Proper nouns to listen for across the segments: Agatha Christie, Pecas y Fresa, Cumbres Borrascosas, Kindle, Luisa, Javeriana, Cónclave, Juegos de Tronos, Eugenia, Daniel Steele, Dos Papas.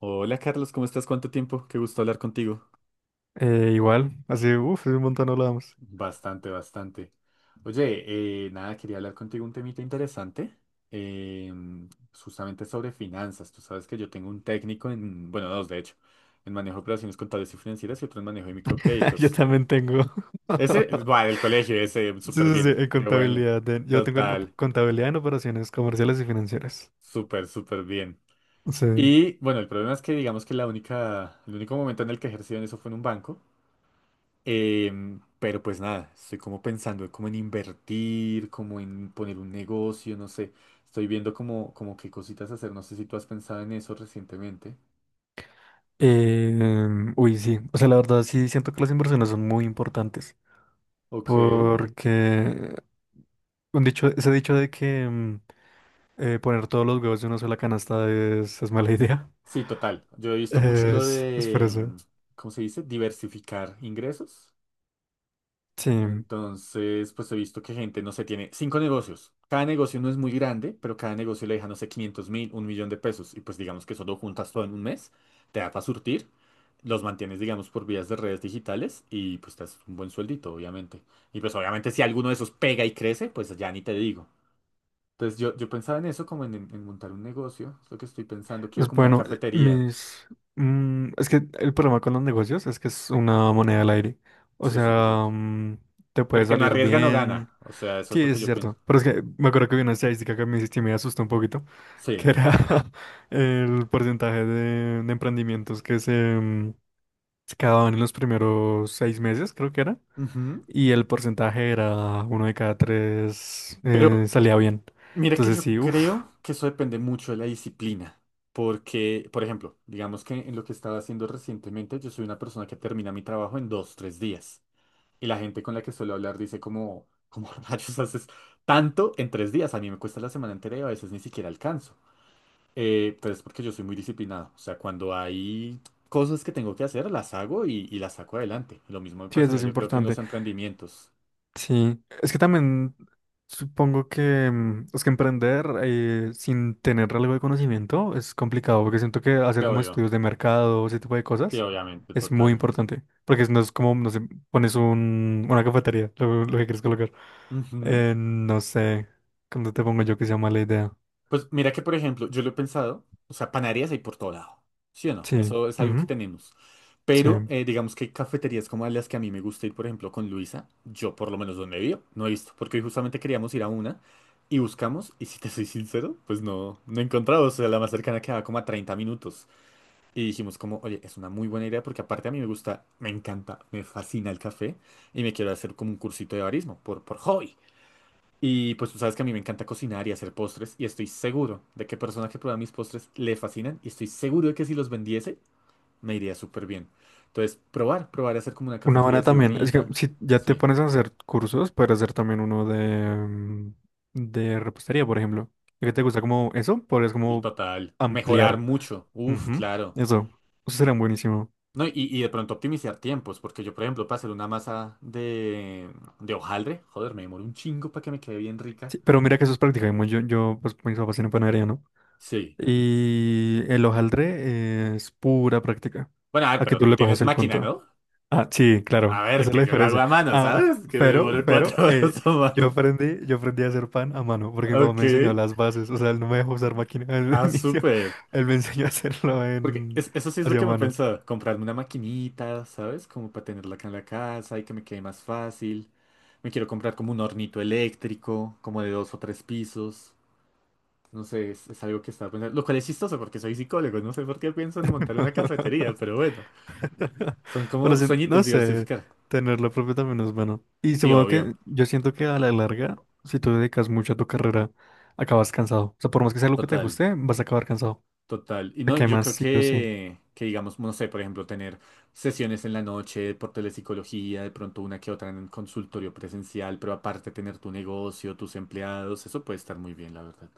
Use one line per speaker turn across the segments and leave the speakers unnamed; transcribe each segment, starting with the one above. Hola Carlos, ¿cómo estás? ¿Cuánto tiempo? Qué gusto hablar contigo.
Igual, así, uff, hace un montón no hablábamos.
Bastante, bastante. Oye, nada, quería hablar contigo un temita interesante, em, justamente sobre finanzas. Tú sabes que yo tengo un técnico en, bueno, dos de hecho, en manejo de operaciones contables y financieras y otro en manejo de
Yo
microcréditos.
también tengo.
Ese, bueno, el colegio, ese,
Sí,
súper
sí, sí,
bien.
en
Qué bueno.
contabilidad. Yo tengo en
Total,
contabilidad en operaciones comerciales y financieras.
súper bien.
Sí.
Y bueno, el problema es que digamos que la única, el único momento en el que ejercí en eso fue en un banco. Pero pues nada, estoy como pensando como en invertir, como en poner un negocio, no sé. Estoy viendo como qué cositas hacer. No sé si tú has pensado en eso recientemente.
Uy, sí. O sea, la verdad, sí siento que las inversiones son muy importantes.
Ok.
Porque un dicho, ese dicho de que poner todos los huevos en una sola canasta es mala idea.
Sí, total. Yo he visto mucho lo
Es por
de,
eso.
¿cómo se dice? Diversificar ingresos.
Sí.
Entonces, pues he visto que gente, no sé, tiene cinco negocios. Cada negocio no es muy grande, pero cada negocio le deja, no sé, 500.000, 1.000.000 de pesos. Y pues digamos que solo juntas todo en un mes, te da para surtir. Los mantienes, digamos, por vías de redes digitales y pues te haces un buen sueldito, obviamente. Y pues obviamente si alguno de esos pega y crece, pues ya ni te digo. Entonces yo pensaba en eso, como en montar un negocio, es lo que estoy pensando, quiero
Pues
como una
bueno,
cafetería.
mis... Es que el problema con los negocios es que es una moneda al aire. O
Sí, eso es verdad.
sea, mm, te puede
El que no
salir
arriesga no gana,
bien.
o sea, eso
Sí,
es lo
es
que yo pienso.
cierto. Pero es que me acuerdo que vi una estadística que me asustó un poquito, que
Sí.
era el porcentaje de emprendimientos se acababan en los primeros seis meses, creo que era.
Ujú.
Y el porcentaje era uno de cada tres
Pero
salía bien.
mira que
Entonces
yo
sí, uff.
creo que eso depende mucho de la disciplina. Porque, por ejemplo, digamos que en lo que estaba haciendo recientemente, yo soy una persona que termina mi trabajo en dos, tres días. Y la gente con la que suelo hablar dice como, ¿cómo rayos haces tanto en tres días? A mí me cuesta la semana entera y a veces ni siquiera alcanzo. Pero es porque yo soy muy disciplinado. O sea, cuando hay cosas que tengo que hacer, las hago y las saco adelante. Lo mismo me
Sí, eso
pasaría
es
yo creo que en los
importante.
emprendimientos.
Sí, es que también supongo que mm, es que emprender sin tener algo de conocimiento es complicado, porque siento que hacer
Te
como
obvio.
estudios de mercado, ese tipo de
Sí,
cosas,
obviamente,
es muy
total.
importante, porque no es como, no sé, pones un, una cafetería, lo que quieres colocar.
Ujú.
No sé, ¿cómo te pongo yo que sea mala idea?
Pues mira que, por ejemplo, yo lo he pensado, o sea, panaderías hay por todo lado, ¿sí o no?
Sí,
Eso es algo que
ujú,
tenemos.
sí.
Pero digamos que cafeterías como las que a mí me gusta ir, por ejemplo, con Luisa, yo por lo menos donde vivo, no he visto, porque hoy justamente queríamos ir a una y buscamos, y si te soy sincero, pues no, no he encontrado, o sea, la más cercana quedaba como a 30 minutos. Y dijimos como, oye, es una muy buena idea porque aparte a mí me gusta, me encanta, me fascina el café y me quiero hacer como un cursito de barismo por hobby. Y pues tú sabes que a mí me encanta cocinar y hacer postres y estoy seguro de que personas que prueban mis postres le fascinan y estoy seguro de que si los vendiese me iría súper bien. Entonces, probar y hacer como una
Una
cafetería
buena
así
también, es que
bonita.
si ya te
Sí,
pones a hacer cursos, puedes hacer también uno de, mm, de repostería, por ejemplo. ¿Y que te gusta como eso? Podrías
y
como
total. Mejorar
ampliar.
mucho. Uf,
Ujú.
claro.
Eso, eso sería buenísimo.
No, y de pronto optimizar tiempos, porque yo, por ejemplo, para hacer una masa de hojaldre, joder, me demoro un chingo para que me quede bien rica.
Sí, pero mira que eso es practicamos. Yo, pues mis papás tienen panadería, ¿no?
Sí.
Y el hojaldre es pura práctica.
Bueno, a ver,
A que
pero
tú
tú
le cojas
tienes
el
máquina,
punto.
¿no?
Ah, sí,
A
claro,
ver,
esa es la
que yo lo hago
diferencia.
a mano,
Ah,
¿sabes? Que me
pero,
demoro
pero,
4 horas a mano.
yo aprendí a hacer pan a mano, porque mi papá
Ok.
me enseñó las bases, o sea, él no me dejó usar máquina al
Ah,
inicio,
súper.
él me enseñó a hacerlo
Porque
en,
es- eso sí es lo
hacia
que me
mano.
pensaba, comprarme una maquinita, ¿sabes? Como para tenerla acá en la casa y que me quede más fácil. Me quiero comprar como un hornito eléctrico, como de dos o tres pisos. No sé, es algo que estaba pensando. Lo cual es chistoso porque soy psicólogo, no sé por qué pienso en montar una cafetería, pero bueno, son
Bueno,
como
sí, no
sueñitos
sé,
diversificar.
tenerlo propio también es bueno. Y
Sí,
supongo
obvio,
que yo siento que a la larga, si tú dedicas mucho a tu carrera, acabas cansado. O sea, por más que sea lo que te
total.
guste, vas a acabar cansado.
Total. Y
Te
no, yo
quemas
creo
sí o sí.
que digamos, no sé, por ejemplo, tener sesiones en la noche por telepsicología, de pronto una que otra en un consultorio presencial, pero aparte tener tu negocio, tus empleados, eso puede estar muy bien, la verdad.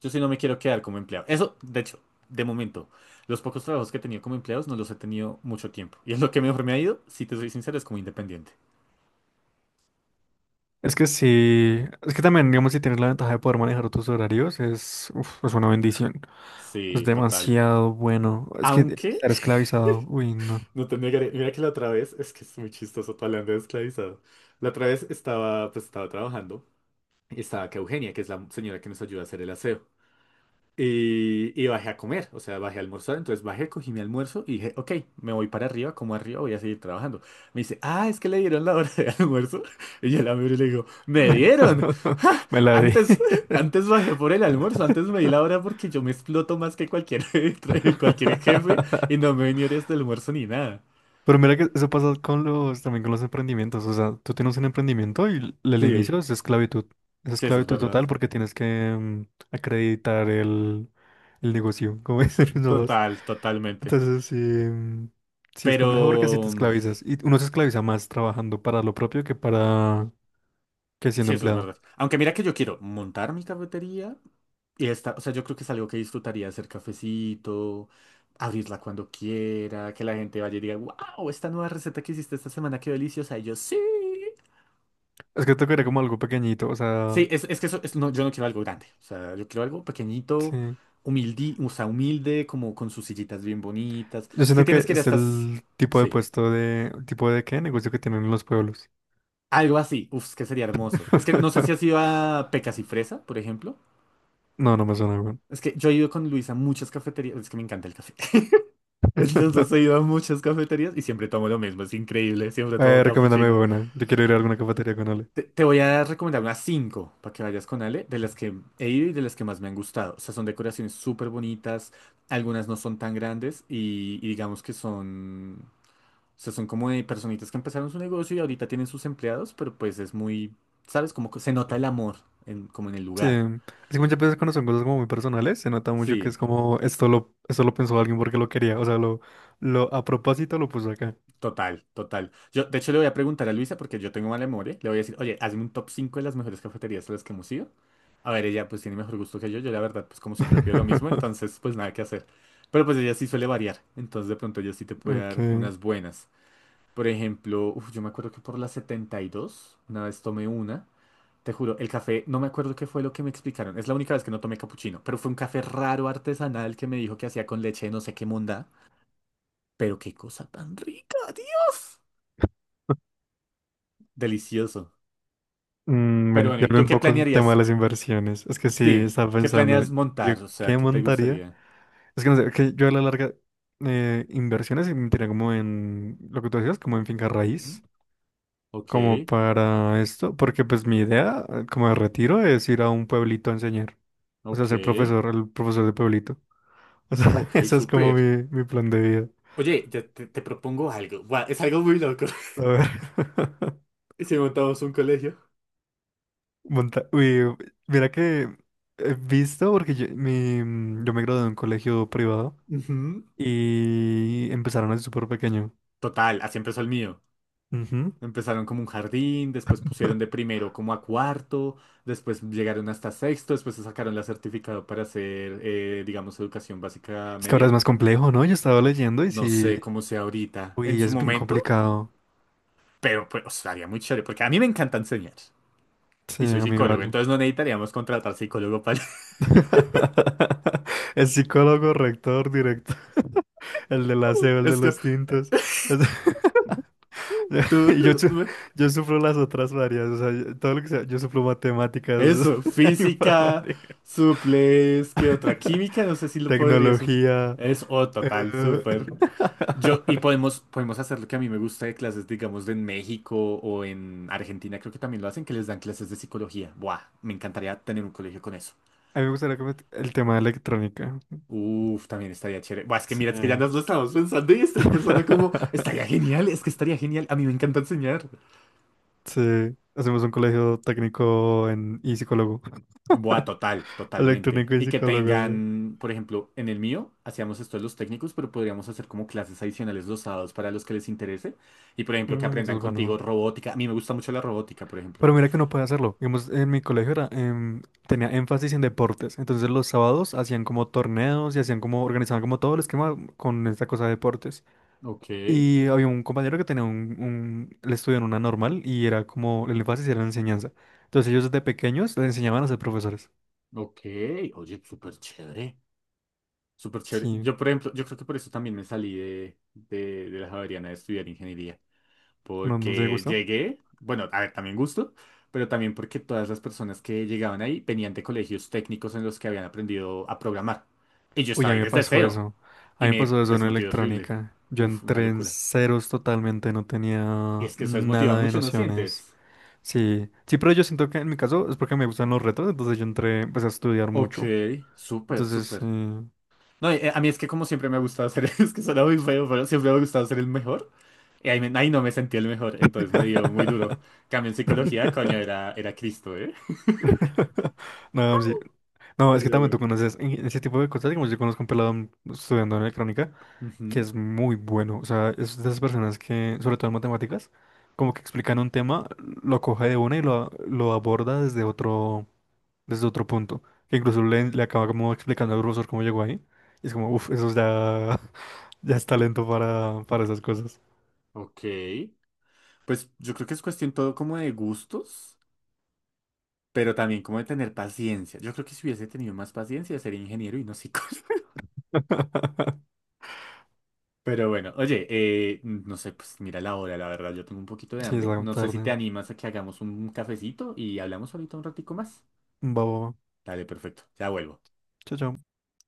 Yo sí no me quiero quedar como empleado. Eso, de hecho, de momento, los pocos trabajos que he tenido como empleados no los he tenido mucho tiempo. Y es lo que mejor me ha ido, si te soy sincero, es como independiente.
Es que sí, es que también, digamos, si tienes la ventaja de poder manejar tus horarios, es, uf, es una bendición. Es
Sí, total.
demasiado bueno. Es que
Aunque,
estar esclavizado, uy, no.
no te negaré, mira que la otra vez, es que es muy chistoso tu hablando de esclavizado. La otra vez estaba, pues estaba trabajando. Estaba acá Eugenia, que es la señora que nos ayuda a hacer el aseo. Y bajé a comer, o sea, bajé a almorzar, entonces bajé, cogí mi almuerzo y dije, ok, me voy para arriba, como arriba voy a seguir trabajando. Me dice, ah, es que le dieron la hora de almuerzo. Y yo la miro y le digo, ¿me dieron? ¡Ja!
Me la di.
Antes, antes bajé por el almuerzo, antes me di la hora porque yo me exploto más que cualquier, cualquier jefe y no me venía de almuerzo ni nada.
Pero mira que eso pasa con los, también con los emprendimientos. O sea, tú tienes un emprendimiento y el
Sí,
inicio es esclavitud. Es
sí, eso es
esclavitud
verdad.
total porque tienes que mm, acreditar el negocio, como dicen los.
Total, totalmente.
Entonces sí, mm, sí es complejo porque si te
Pero...
esclavizas y uno se esclaviza más trabajando para lo propio que para que siendo
Sí, eso es
empleado.
verdad. Aunque mira que yo quiero montar mi cafetería y esta, o sea, yo creo que es algo que disfrutaría hacer cafecito, abrirla cuando quiera, que la gente vaya y diga, wow, esta nueva receta que hiciste esta semana, qué deliciosa. Y yo, sí.
Es que tocaría como algo pequeñito, o sea,
Sí, es que eso, es- no, yo no quiero algo grande. O sea, yo quiero algo pequeñito,
sí.
humilde, o sea, humilde, como con sus sillitas bien bonitas.
Yo
Es que
siento
tienes
que
que ir a
es
estas.
el tipo de
Sí.
puesto de, tipo de qué negocio que tienen en los pueblos.
Algo así. Uf, es que sería hermoso. Es que no sé si has ido a Pecas y Fresa, por ejemplo.
No, no me suena, weón.
Es que yo he ido con Luis a muchas cafeterías, es que me encanta el café. Entonces he ido a muchas cafeterías y siempre tomo lo mismo, es increíble, siempre tomo
Recomiéndame
cappuccino.
buena. Yo quiero ir a alguna cafetería con Ale.
Te voy a recomendar unas cinco para que vayas con Ale, de las que he ido y de las que más me han gustado. O sea, son decoraciones súper bonitas, algunas no son tan grandes y digamos que son, o sea, son como de personitas que empezaron su negocio y ahorita tienen sus empleados, pero pues es muy, ¿sabes? Como que se nota el amor en- como en el
Sí.
lugar.
Así que muchas veces cuando son cosas como muy personales, se nota mucho que es
Sí.
como esto lo pensó alguien porque lo quería. O sea, lo a propósito lo puso acá.
Total, total. Yo, de hecho, le voy a preguntar a Luisa, porque yo tengo mala memoria. Le voy a decir, oye, hazme un top 5 de las mejores cafeterías a las que hemos ido. A ver, ella pues tiene mejor gusto que yo. Yo, la verdad, pues como siempre pido lo mismo, entonces pues nada que hacer. Pero pues ella sí suele variar. Entonces, de pronto ella sí te puede dar
Ok.
unas buenas. Por ejemplo, uf, yo me acuerdo que por la 72 una vez tomé una. Te juro, el café, no me acuerdo qué fue lo que me explicaron. Es la única vez que no tomé capuchino, pero fue un café raro artesanal que me dijo que hacía con leche de no sé qué monda. Pero qué cosa tan rica, Dios. Delicioso.
Mm,
Pero
bueno, y
bueno, ¿y
hablé
tú
un
qué
poco del tema de
planearías?
las inversiones. Es que sí,
Sí,
estaba
¿qué
pensando,
planeas
¿yo
montar? O sea,
qué
¿qué te
montaría?
gustaría?
Es que no sé, que yo a la larga inversiones invertiría como en lo que tú decías, como en finca
¿Mm?
raíz,
Ok,
como para esto, porque pues mi idea como de retiro es ir a un pueblito a enseñar. O sea,
ok,
ser profesor, el profesor de pueblito. O sea,
ok,
eso es como
súper.
mi plan de vida.
Oye, ya te propongo algo. Buah, es algo muy loco.
A ver.
Si montamos un colegio.
Uy, mira que he visto, porque yo, mi, mm, yo me gradué de un colegio privado
Ujú.
y empezaron así súper pequeño.
Total, así empezó el mío.
Ujú.
Empezaron como un jardín, después pusieron de primero como a cuarto, después llegaron hasta sexto, después se sacaron la certificado para hacer, digamos, educación básica
Es que ahora es
media.
más complejo, ¿no? Yo estaba leyendo y
No
sí,
sé cómo sea ahorita. En
uy,
su
es bien
momento.
complicado.
Pero pues estaría muy chévere, porque a mí me encanta enseñar.
Sí,
Y soy
a mí
psicólogo,
igual.
entonces no necesitaríamos contratar psicólogo para...
El psicólogo, rector, director, el del aseo, el de
Es que
los tintos. Y yo,
tú... tú-
yo sufro las otras varias, o sea, todo lo que sea, yo sufro matemáticas,
Eso, física,
informática.
suples, ¿qué otra? Química, no sé si lo podría... sus-
Tecnología.
Es, oh, total,
Eh,
súper. Yo, y podemos, podemos hacer lo que a mí me gusta de clases, digamos, de en México o en Argentina, creo que también lo hacen, que les dan clases de psicología. Buah, me encantaría tener un colegio con eso.
a mí me gustaría el tema de electrónica.
Uf, también estaría chévere. Buah, es que mira, es que ya
Sí.
nos lo estamos pensando y estoy pensando como, estaría genial, es que estaría genial. A mí me encanta enseñar.
Sí. Hacemos un colegio técnico en... y psicólogo.
Buah, total, totalmente.
Electrónico y
Y que
psicólogo, digo.
tengan, por ejemplo, en el mío, hacíamos esto de los técnicos, pero podríamos hacer como clases adicionales los sábados para los que les interese. Y, por ejemplo, que
Mm, eso
aprendan
es
contigo
bueno.
robótica. A mí me gusta mucho la robótica, por ejemplo.
Pero mira que no puede hacerlo. Digamos, en mi colegio era, em, tenía énfasis en deportes. Entonces los sábados hacían como torneos y hacían como, organizaban como todo el esquema con esta cosa de deportes.
Ok,
Y había un compañero que tenía un, él estudió en una normal y era como, el énfasis era la enseñanza. Entonces ellos desde pequeños les enseñaban a ser profesores.
ok. Oye, súper chévere. Súper chévere.
Sí,
Yo, por ejemplo, yo creo que por eso también me salí de la Javeriana de estudiar ingeniería.
¿no, no te
Porque
gustó?
llegué, bueno, a ver, también gusto, pero también porque todas las personas que llegaban ahí venían de colegios técnicos en los que habían aprendido a programar. Y yo
Uy, a
estaba
mí
ahí
me
desde
pasó
cero.
eso. A
Y
mí me
me
pasó eso en
desmotivé horrible.
electrónica. Yo
Uf, una
entré en
locura.
ceros totalmente, no
Y
tenía
es que eso desmotiva
nada de
mucho, ¿no
nociones.
sientes?
Sí, sí, pero yo siento que en mi caso es porque me gustan los retos, entonces yo entré, empecé a estudiar
Ok,
mucho.
súper,
Entonces, sí.
súper. No, a mí es que como siempre me ha gustado ser, es que suena muy feo, pero siempre me ha gustado ser el mejor. Y ahí, me- ahí no me sentí el mejor, entonces me dio muy duro. Cambio en psicología, coño, era Cristo, ¿eh?
No, sí. No, es que
Pero
también tú
bueno.
conoces en ese tipo de cosas, digamos, yo conozco un pelado estudiando en electrónica que
Ujú,
es muy bueno, o sea, es de esas personas que, sobre todo en matemáticas, como que explican un tema, lo coge de una y lo aborda desde otro punto, que incluso le acaba como explicando al profesor cómo llegó ahí, y es como, uff, eso ya, ya es talento para esas cosas.
Ok. Pues yo creo que es cuestión todo como de gustos, pero también como de tener paciencia. Yo creo que si hubiese tenido más paciencia sería ingeniero y no psicólogo. Pero bueno, oye, no sé, pues mira la hora, la verdad, yo tengo un poquito de
Sí, es
hambre. No sé si te
tarde,
animas a que hagamos un cafecito y hablamos ahorita un ratico más.
babo,
Dale, perfecto, ya vuelvo.
chao, chao.